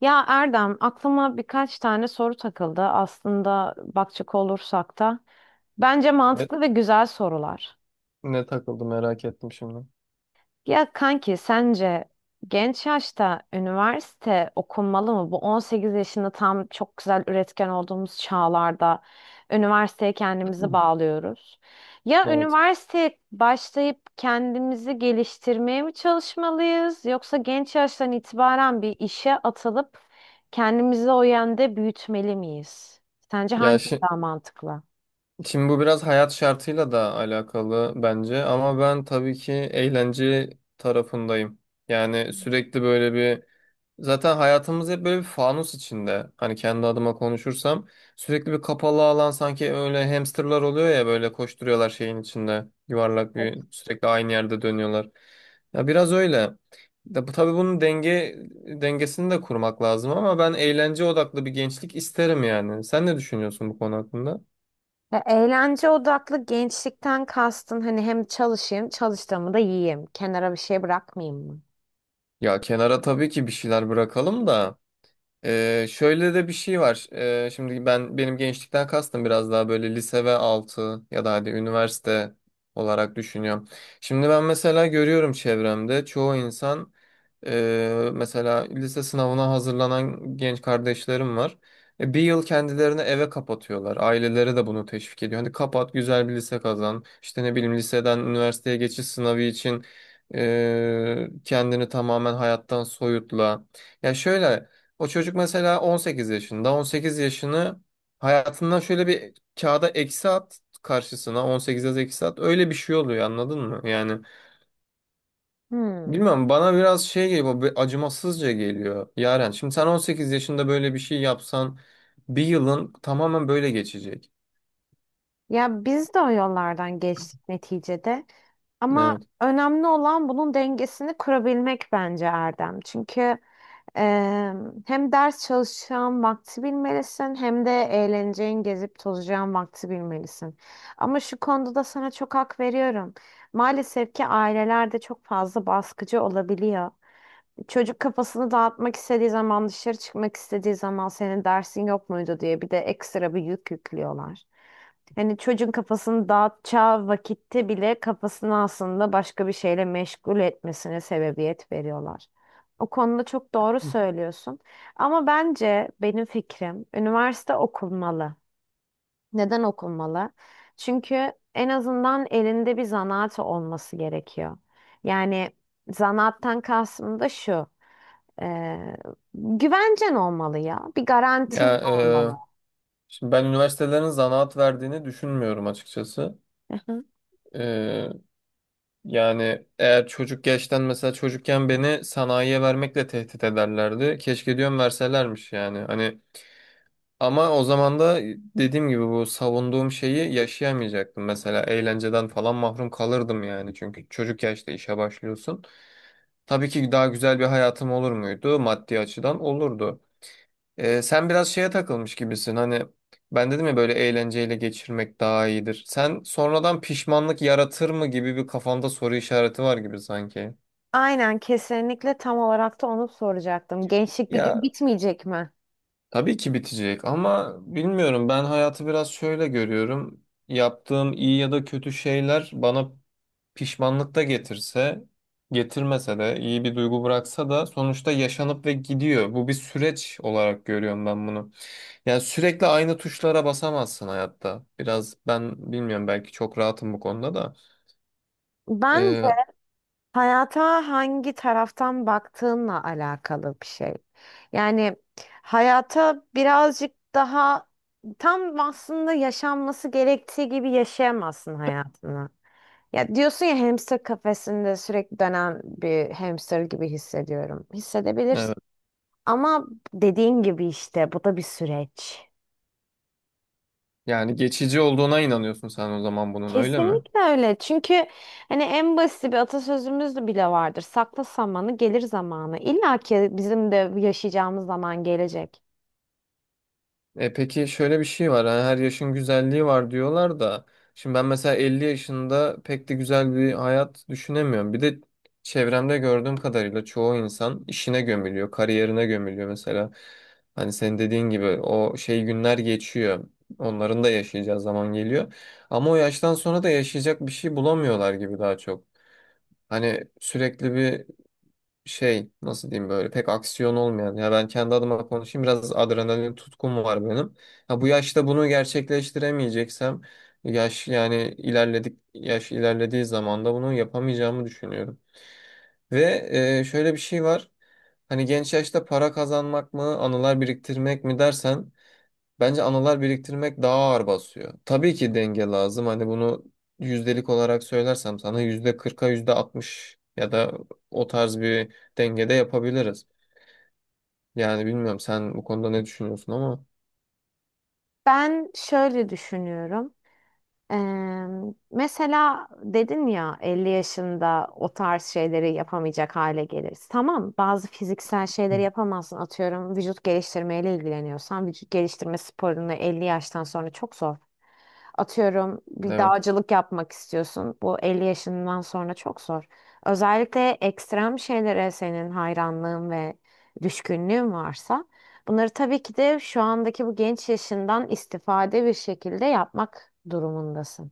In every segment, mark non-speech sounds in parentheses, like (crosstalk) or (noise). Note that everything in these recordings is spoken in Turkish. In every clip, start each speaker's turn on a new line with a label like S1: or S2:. S1: Ya Erdem, aklıma birkaç tane soru takıldı. Aslında bakacak olursak da bence
S2: Ne,
S1: mantıklı ve güzel sorular.
S2: ne takıldı merak ettim şimdi.
S1: Ya kanki sence genç yaşta üniversite okunmalı mı? Bu 18 yaşında tam çok güzel üretken olduğumuz çağlarda üniversiteye kendimizi
S2: (clears throat)
S1: bağlıyoruz. Ya
S2: Evet.
S1: üniversiteye başlayıp kendimizi geliştirmeye mi çalışmalıyız yoksa genç yaştan itibaren bir işe atılıp kendimizi o yönde büyütmeli miyiz? Sence
S2: Ya
S1: hangisi
S2: şi-
S1: daha mantıklı?
S2: Şimdi bu biraz hayat şartıyla da alakalı bence ama ben tabii ki eğlence tarafındayım. Yani, sürekli böyle bir, zaten hayatımız hep böyle bir fanus içinde. Hani kendi adıma konuşursam sürekli bir kapalı alan, sanki öyle hamsterlar oluyor ya, böyle koşturuyorlar şeyin içinde. Yuvarlak bir, sürekli aynı yerde dönüyorlar. Ya biraz öyle, da bu tabii bunun dengesini de kurmak lazım ama ben eğlence odaklı bir gençlik isterim yani. Sen ne düşünüyorsun bu konu hakkında?
S1: Ya, eğlence odaklı gençlikten kastın hani hem çalışayım, çalıştığımı da yiyeyim. Kenara bir şey bırakmayayım mı?
S2: Ya kenara tabii ki bir şeyler bırakalım da. Şöyle de bir şey var. Şimdi benim gençlikten kastım biraz daha böyle lise ve altı ya da hadi üniversite olarak düşünüyorum. Şimdi ben mesela görüyorum, çevremde çoğu insan, mesela lise sınavına hazırlanan genç kardeşlerim var. Bir yıl kendilerini eve kapatıyorlar. Aileleri de bunu teşvik ediyor. Hani kapat, güzel bir lise kazan. İşte ne bileyim, liseden üniversiteye geçiş sınavı için kendini tamamen hayattan soyutla. Ya şöyle. O çocuk mesela 18 yaşında. 18 yaşını hayatından şöyle bir, kağıda eksi at, karşısına 18 yaz, eksi at. Öyle bir şey oluyor, anladın mı? Yani
S1: Hmm.
S2: bilmiyorum, bana biraz şey geliyor, bir acımasızca geliyor. Yaren, şimdi sen 18 yaşında böyle bir şey yapsan bir yılın tamamen böyle geçecek.
S1: Ya biz de o yollardan geçtik neticede. Ama
S2: Evet.
S1: önemli olan bunun dengesini kurabilmek bence Erdem. Çünkü eee, hem ders çalışacağın vakti bilmelisin hem de eğleneceğin, gezip tozacağın vakti bilmelisin. Ama şu konuda da sana çok hak veriyorum. Maalesef ki ailelerde çok fazla baskıcı olabiliyor. Çocuk kafasını dağıtmak istediği zaman, dışarı çıkmak istediği zaman senin dersin yok muydu diye bir de ekstra bir yük yüklüyorlar. Hani çocuğun kafasını dağıtacağı vakitte bile kafasını aslında başka bir şeyle meşgul etmesine sebebiyet veriyorlar. O konuda çok doğru söylüyorsun. Ama bence benim fikrim üniversite okunmalı. Neden okunmalı? Çünkü en azından elinde bir zanaat olması gerekiyor. Yani zanaattan kastım da şu. Ee, güvencen olmalı ya. Bir
S2: Ya
S1: garantin olmalı.
S2: şimdi ben üniversitelerin zanaat verdiğini düşünmüyorum açıkçası.
S1: Aha.
S2: E, Yani eğer çocuk yaştan, mesela çocukken beni sanayiye vermekle tehdit ederlerdi. Keşke diyorum verselermiş yani. Hani ama o zaman da dediğim gibi bu savunduğum şeyi yaşayamayacaktım. Mesela eğlenceden falan mahrum kalırdım yani. Çünkü çocuk yaşta işe başlıyorsun. Tabii ki daha güzel bir hayatım olur muydu? Maddi açıdan olurdu. Sen biraz şeye takılmış gibisin. Hani ben dedim ya, böyle eğlenceyle geçirmek daha iyidir. Sen, sonradan pişmanlık yaratır mı gibi, bir kafanda soru işareti var gibi sanki.
S1: Aynen kesinlikle tam olarak da onu soracaktım. Gençlik bir
S2: Ya
S1: gün bitmeyecek mi?
S2: tabii ki bitecek ama bilmiyorum, ben hayatı biraz şöyle görüyorum. Yaptığım iyi ya da kötü şeyler bana pişmanlık da getirse, getirmese de, iyi bir duygu bıraksa da sonuçta yaşanıp ve gidiyor. Bu, bir süreç olarak görüyorum ben bunu. Yani sürekli aynı tuşlara basamazsın hayatta. Biraz, ben bilmiyorum, belki çok rahatım bu konuda da.
S1: Bence
S2: Ee,
S1: hayata hangi taraftan baktığınla alakalı bir şey. Yani hayata birazcık daha tam aslında yaşanması gerektiği gibi yaşayamazsın hayatını. Ya diyorsun ya hamster kafesinde sürekli dönen bir hamster gibi hissediyorum. Hissedebilirsin.
S2: evet.
S1: Ama dediğin gibi işte bu da bir süreç.
S2: Yani geçici olduğuna inanıyorsun sen o zaman bunun, öyle mi?
S1: Kesinlikle öyle. Çünkü hani en basit bir atasözümüz de bile vardır. Sakla samanı gelir zamanı. İlla ki bizim de yaşayacağımız zaman gelecek.
S2: E peki, şöyle bir şey var. Hani her yaşın güzelliği var diyorlar da. Şimdi ben mesela 50 yaşında pek de güzel bir hayat düşünemiyorum. Bir de çevremde gördüğüm kadarıyla çoğu insan işine gömülüyor, kariyerine gömülüyor mesela. Hani senin dediğin gibi, o şey, günler geçiyor. Onların da yaşayacağı zaman geliyor. Ama o yaştan sonra da yaşayacak bir şey bulamıyorlar gibi daha çok. Hani sürekli bir şey, nasıl diyeyim, böyle pek aksiyon olmayan, ya ben kendi adıma konuşayım, biraz adrenalin tutkum var benim. Ha bu yaşta bunu gerçekleştiremeyeceksem, yaş, yani ilerledik, yaş ilerlediği zaman da bunu yapamayacağımı düşünüyorum. Ve şöyle bir şey var. Hani genç yaşta para kazanmak mı, anılar biriktirmek mi dersen, bence anılar biriktirmek daha ağır basıyor. Tabii ki denge lazım. Hani bunu yüzdelik olarak söylersem sana, %40'a yüzde altmış ya da o tarz bir dengede yapabiliriz. Yani bilmiyorum, sen bu konuda ne düşünüyorsun ama.
S1: Ben şöyle düşünüyorum. Eee, mesela dedin ya 50 yaşında o tarz şeyleri yapamayacak hale geliriz. Tamam, bazı fiziksel şeyleri
S2: Hı.
S1: yapamazsın. Atıyorum vücut geliştirmeyle ilgileniyorsan vücut geliştirme sporunu 50 yaştan sonra çok zor. Atıyorum bir
S2: Evet.
S1: dağcılık yapmak istiyorsun. Bu 50 yaşından sonra çok zor. Özellikle ekstrem şeylere senin hayranlığın ve düşkünlüğün varsa bunları tabii ki de şu andaki bu genç yaşından istifade bir şekilde yapmak durumundasın.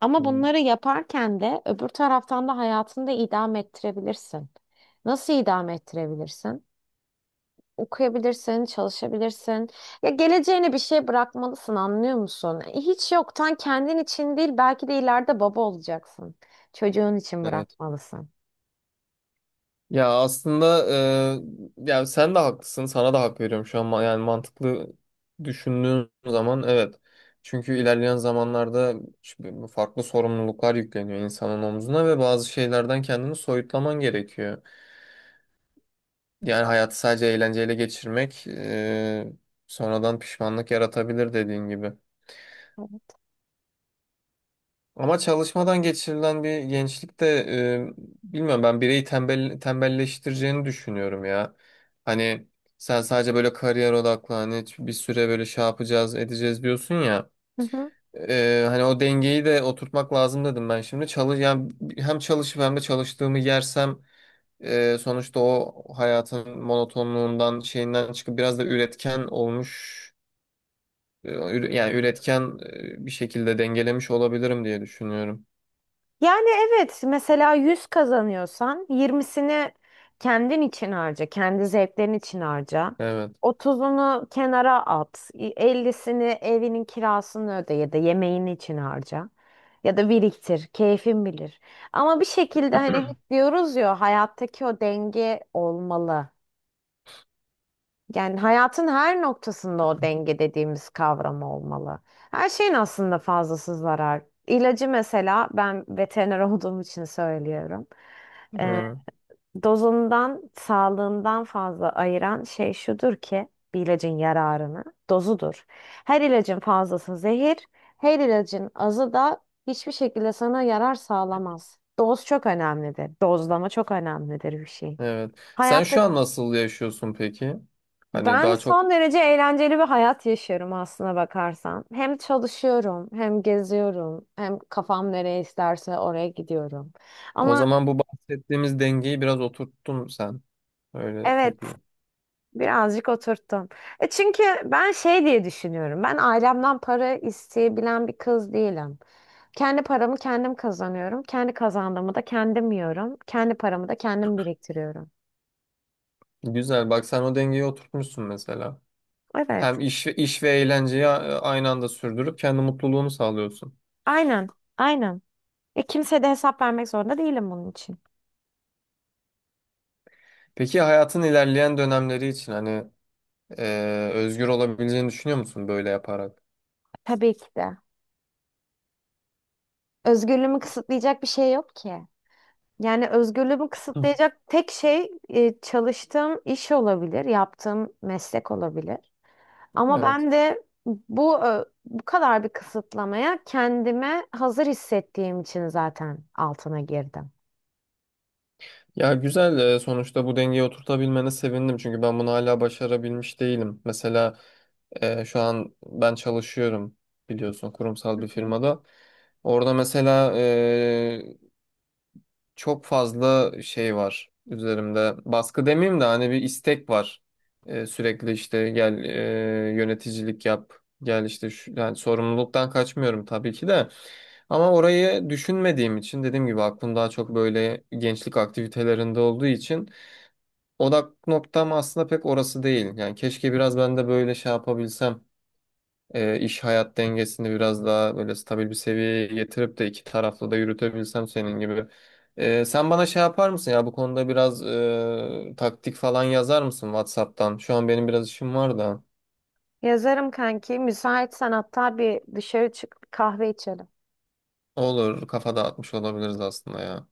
S1: Ama
S2: Hı.
S1: bunları yaparken de öbür taraftan da hayatını da idame ettirebilirsin. Nasıl idame ettirebilirsin? Okuyabilirsin, çalışabilirsin. Ya geleceğine bir şey bırakmalısın, anlıyor musun? Hiç yoktan kendin için değil, belki de ileride baba olacaksın. Çocuğun için
S2: Evet.
S1: bırakmalısın.
S2: Ya aslında ya sen de haklısın. Sana da hak veriyorum şu an. Yani mantıklı düşündüğün zaman evet. Çünkü ilerleyen zamanlarda şimdi farklı sorumluluklar yükleniyor insanın omzuna ve bazı şeylerden kendini soyutlaman gerekiyor. Yani hayatı sadece eğlenceyle geçirmek sonradan pişmanlık yaratabilir, dediğin gibi. Ama çalışmadan geçirilen bir gençlik de bilmiyorum, ben bireyi tembelleştireceğini düşünüyorum ya. Hani sen sadece böyle kariyer odaklı, hani bir süre böyle şey yapacağız edeceğiz diyorsun ya.
S1: Hı hı.
S2: Hani o dengeyi de oturtmak lazım dedim ben şimdi. Çalış, yani hem çalışıp hem de çalıştığımı yersem sonuçta o hayatın monotonluğundan, şeyinden çıkıp biraz da üretken olmuş, yani üretken, bir şekilde dengelemiş olabilirim diye düşünüyorum.
S1: Yani evet mesela 100 kazanıyorsan 20'sini kendin için harca, kendi zevklerin için harca.
S2: Evet.
S1: 30'unu kenara at, 50'sini evinin kirasını öde ya da yemeğin için harca. Ya da biriktir, keyfin bilir. Ama bir şekilde hani hep diyoruz ya hayattaki o denge olmalı. Yani hayatın her noktasında o denge dediğimiz kavram olmalı. Her şeyin aslında fazlası zarar. İlacı mesela ben veteriner (laughs) olduğum için söylüyorum. Ee,
S2: Hı,
S1: dozundan, sağlığından fazla ayıran şey şudur ki bir ilacın yararını, dozudur. Her ilacın fazlası zehir, her ilacın azı da hiçbir şekilde sana yarar sağlamaz. Doz çok önemlidir. Dozlama çok önemlidir bir şey.
S2: evet. Sen
S1: Hayatta.
S2: şu an nasıl yaşıyorsun peki? Hani
S1: Ben
S2: daha çok,
S1: son derece eğlenceli bir hayat yaşıyorum aslına bakarsan. Hem çalışıyorum, hem geziyorum, hem kafam nereye isterse oraya gidiyorum.
S2: o
S1: Ama
S2: zaman bu bahsettiğimiz dengeyi biraz oturttun sen. Öyle
S1: evet,
S2: diyeyim.
S1: birazcık oturttum. E çünkü ben şey diye düşünüyorum. Ben ailemden para isteyebilen bir kız değilim. Kendi paramı kendim kazanıyorum. Kendi kazandığımı da kendim yiyorum. Kendi paramı da kendim biriktiriyorum.
S2: Güzel. Bak sen o dengeyi oturtmuşsun mesela.
S1: Evet,
S2: Hem iş ve eğlenceyi aynı anda sürdürüp kendi mutluluğunu sağlıyorsun.
S1: aynen, aynen. E kimseye de hesap vermek zorunda değilim bunun için.
S2: Peki hayatın ilerleyen dönemleri için hani e, özgür olabileceğini düşünüyor musun böyle yaparak?
S1: Tabii ki de. Özgürlüğümü kısıtlayacak bir şey yok ki. Yani özgürlüğümü
S2: Hı.
S1: kısıtlayacak tek şey çalıştığım iş olabilir, yaptığım meslek olabilir. Ama
S2: Evet.
S1: ben de bu kadar bir kısıtlamaya kendime hazır hissettiğim için zaten altına girdim.
S2: Ya güzel, sonuçta bu dengeyi oturtabilmene sevindim çünkü ben bunu hala başarabilmiş değilim. Mesela şu an ben çalışıyorum, biliyorsun, kurumsal bir
S1: Hı.
S2: firmada. Orada mesela çok fazla şey var üzerimde. Baskı demeyeyim de hani bir istek var. Sürekli işte, gel yöneticilik yap. Gel işte şu, yani sorumluluktan kaçmıyorum tabii ki de. Ama orayı düşünmediğim için, dediğim gibi, aklım daha çok böyle gençlik aktivitelerinde olduğu için odak noktam aslında pek orası değil. Yani keşke biraz ben de böyle şey yapabilsem, iş hayat dengesini biraz daha böyle stabil bir seviyeye getirip de iki taraflı da yürütebilsem senin gibi. Sen bana şey yapar mısın ya, bu konuda biraz taktik falan yazar mısın WhatsApp'tan? Şu an benim biraz işim var da.
S1: Yazarım kanki. Müsaitsen hatta bir dışarı çık kahve içelim.
S2: Olur, kafa dağıtmış olabiliriz aslında ya.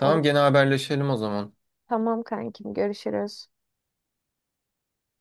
S1: Olur.
S2: gene haberleşelim o zaman.
S1: Tamam kankim, görüşürüz.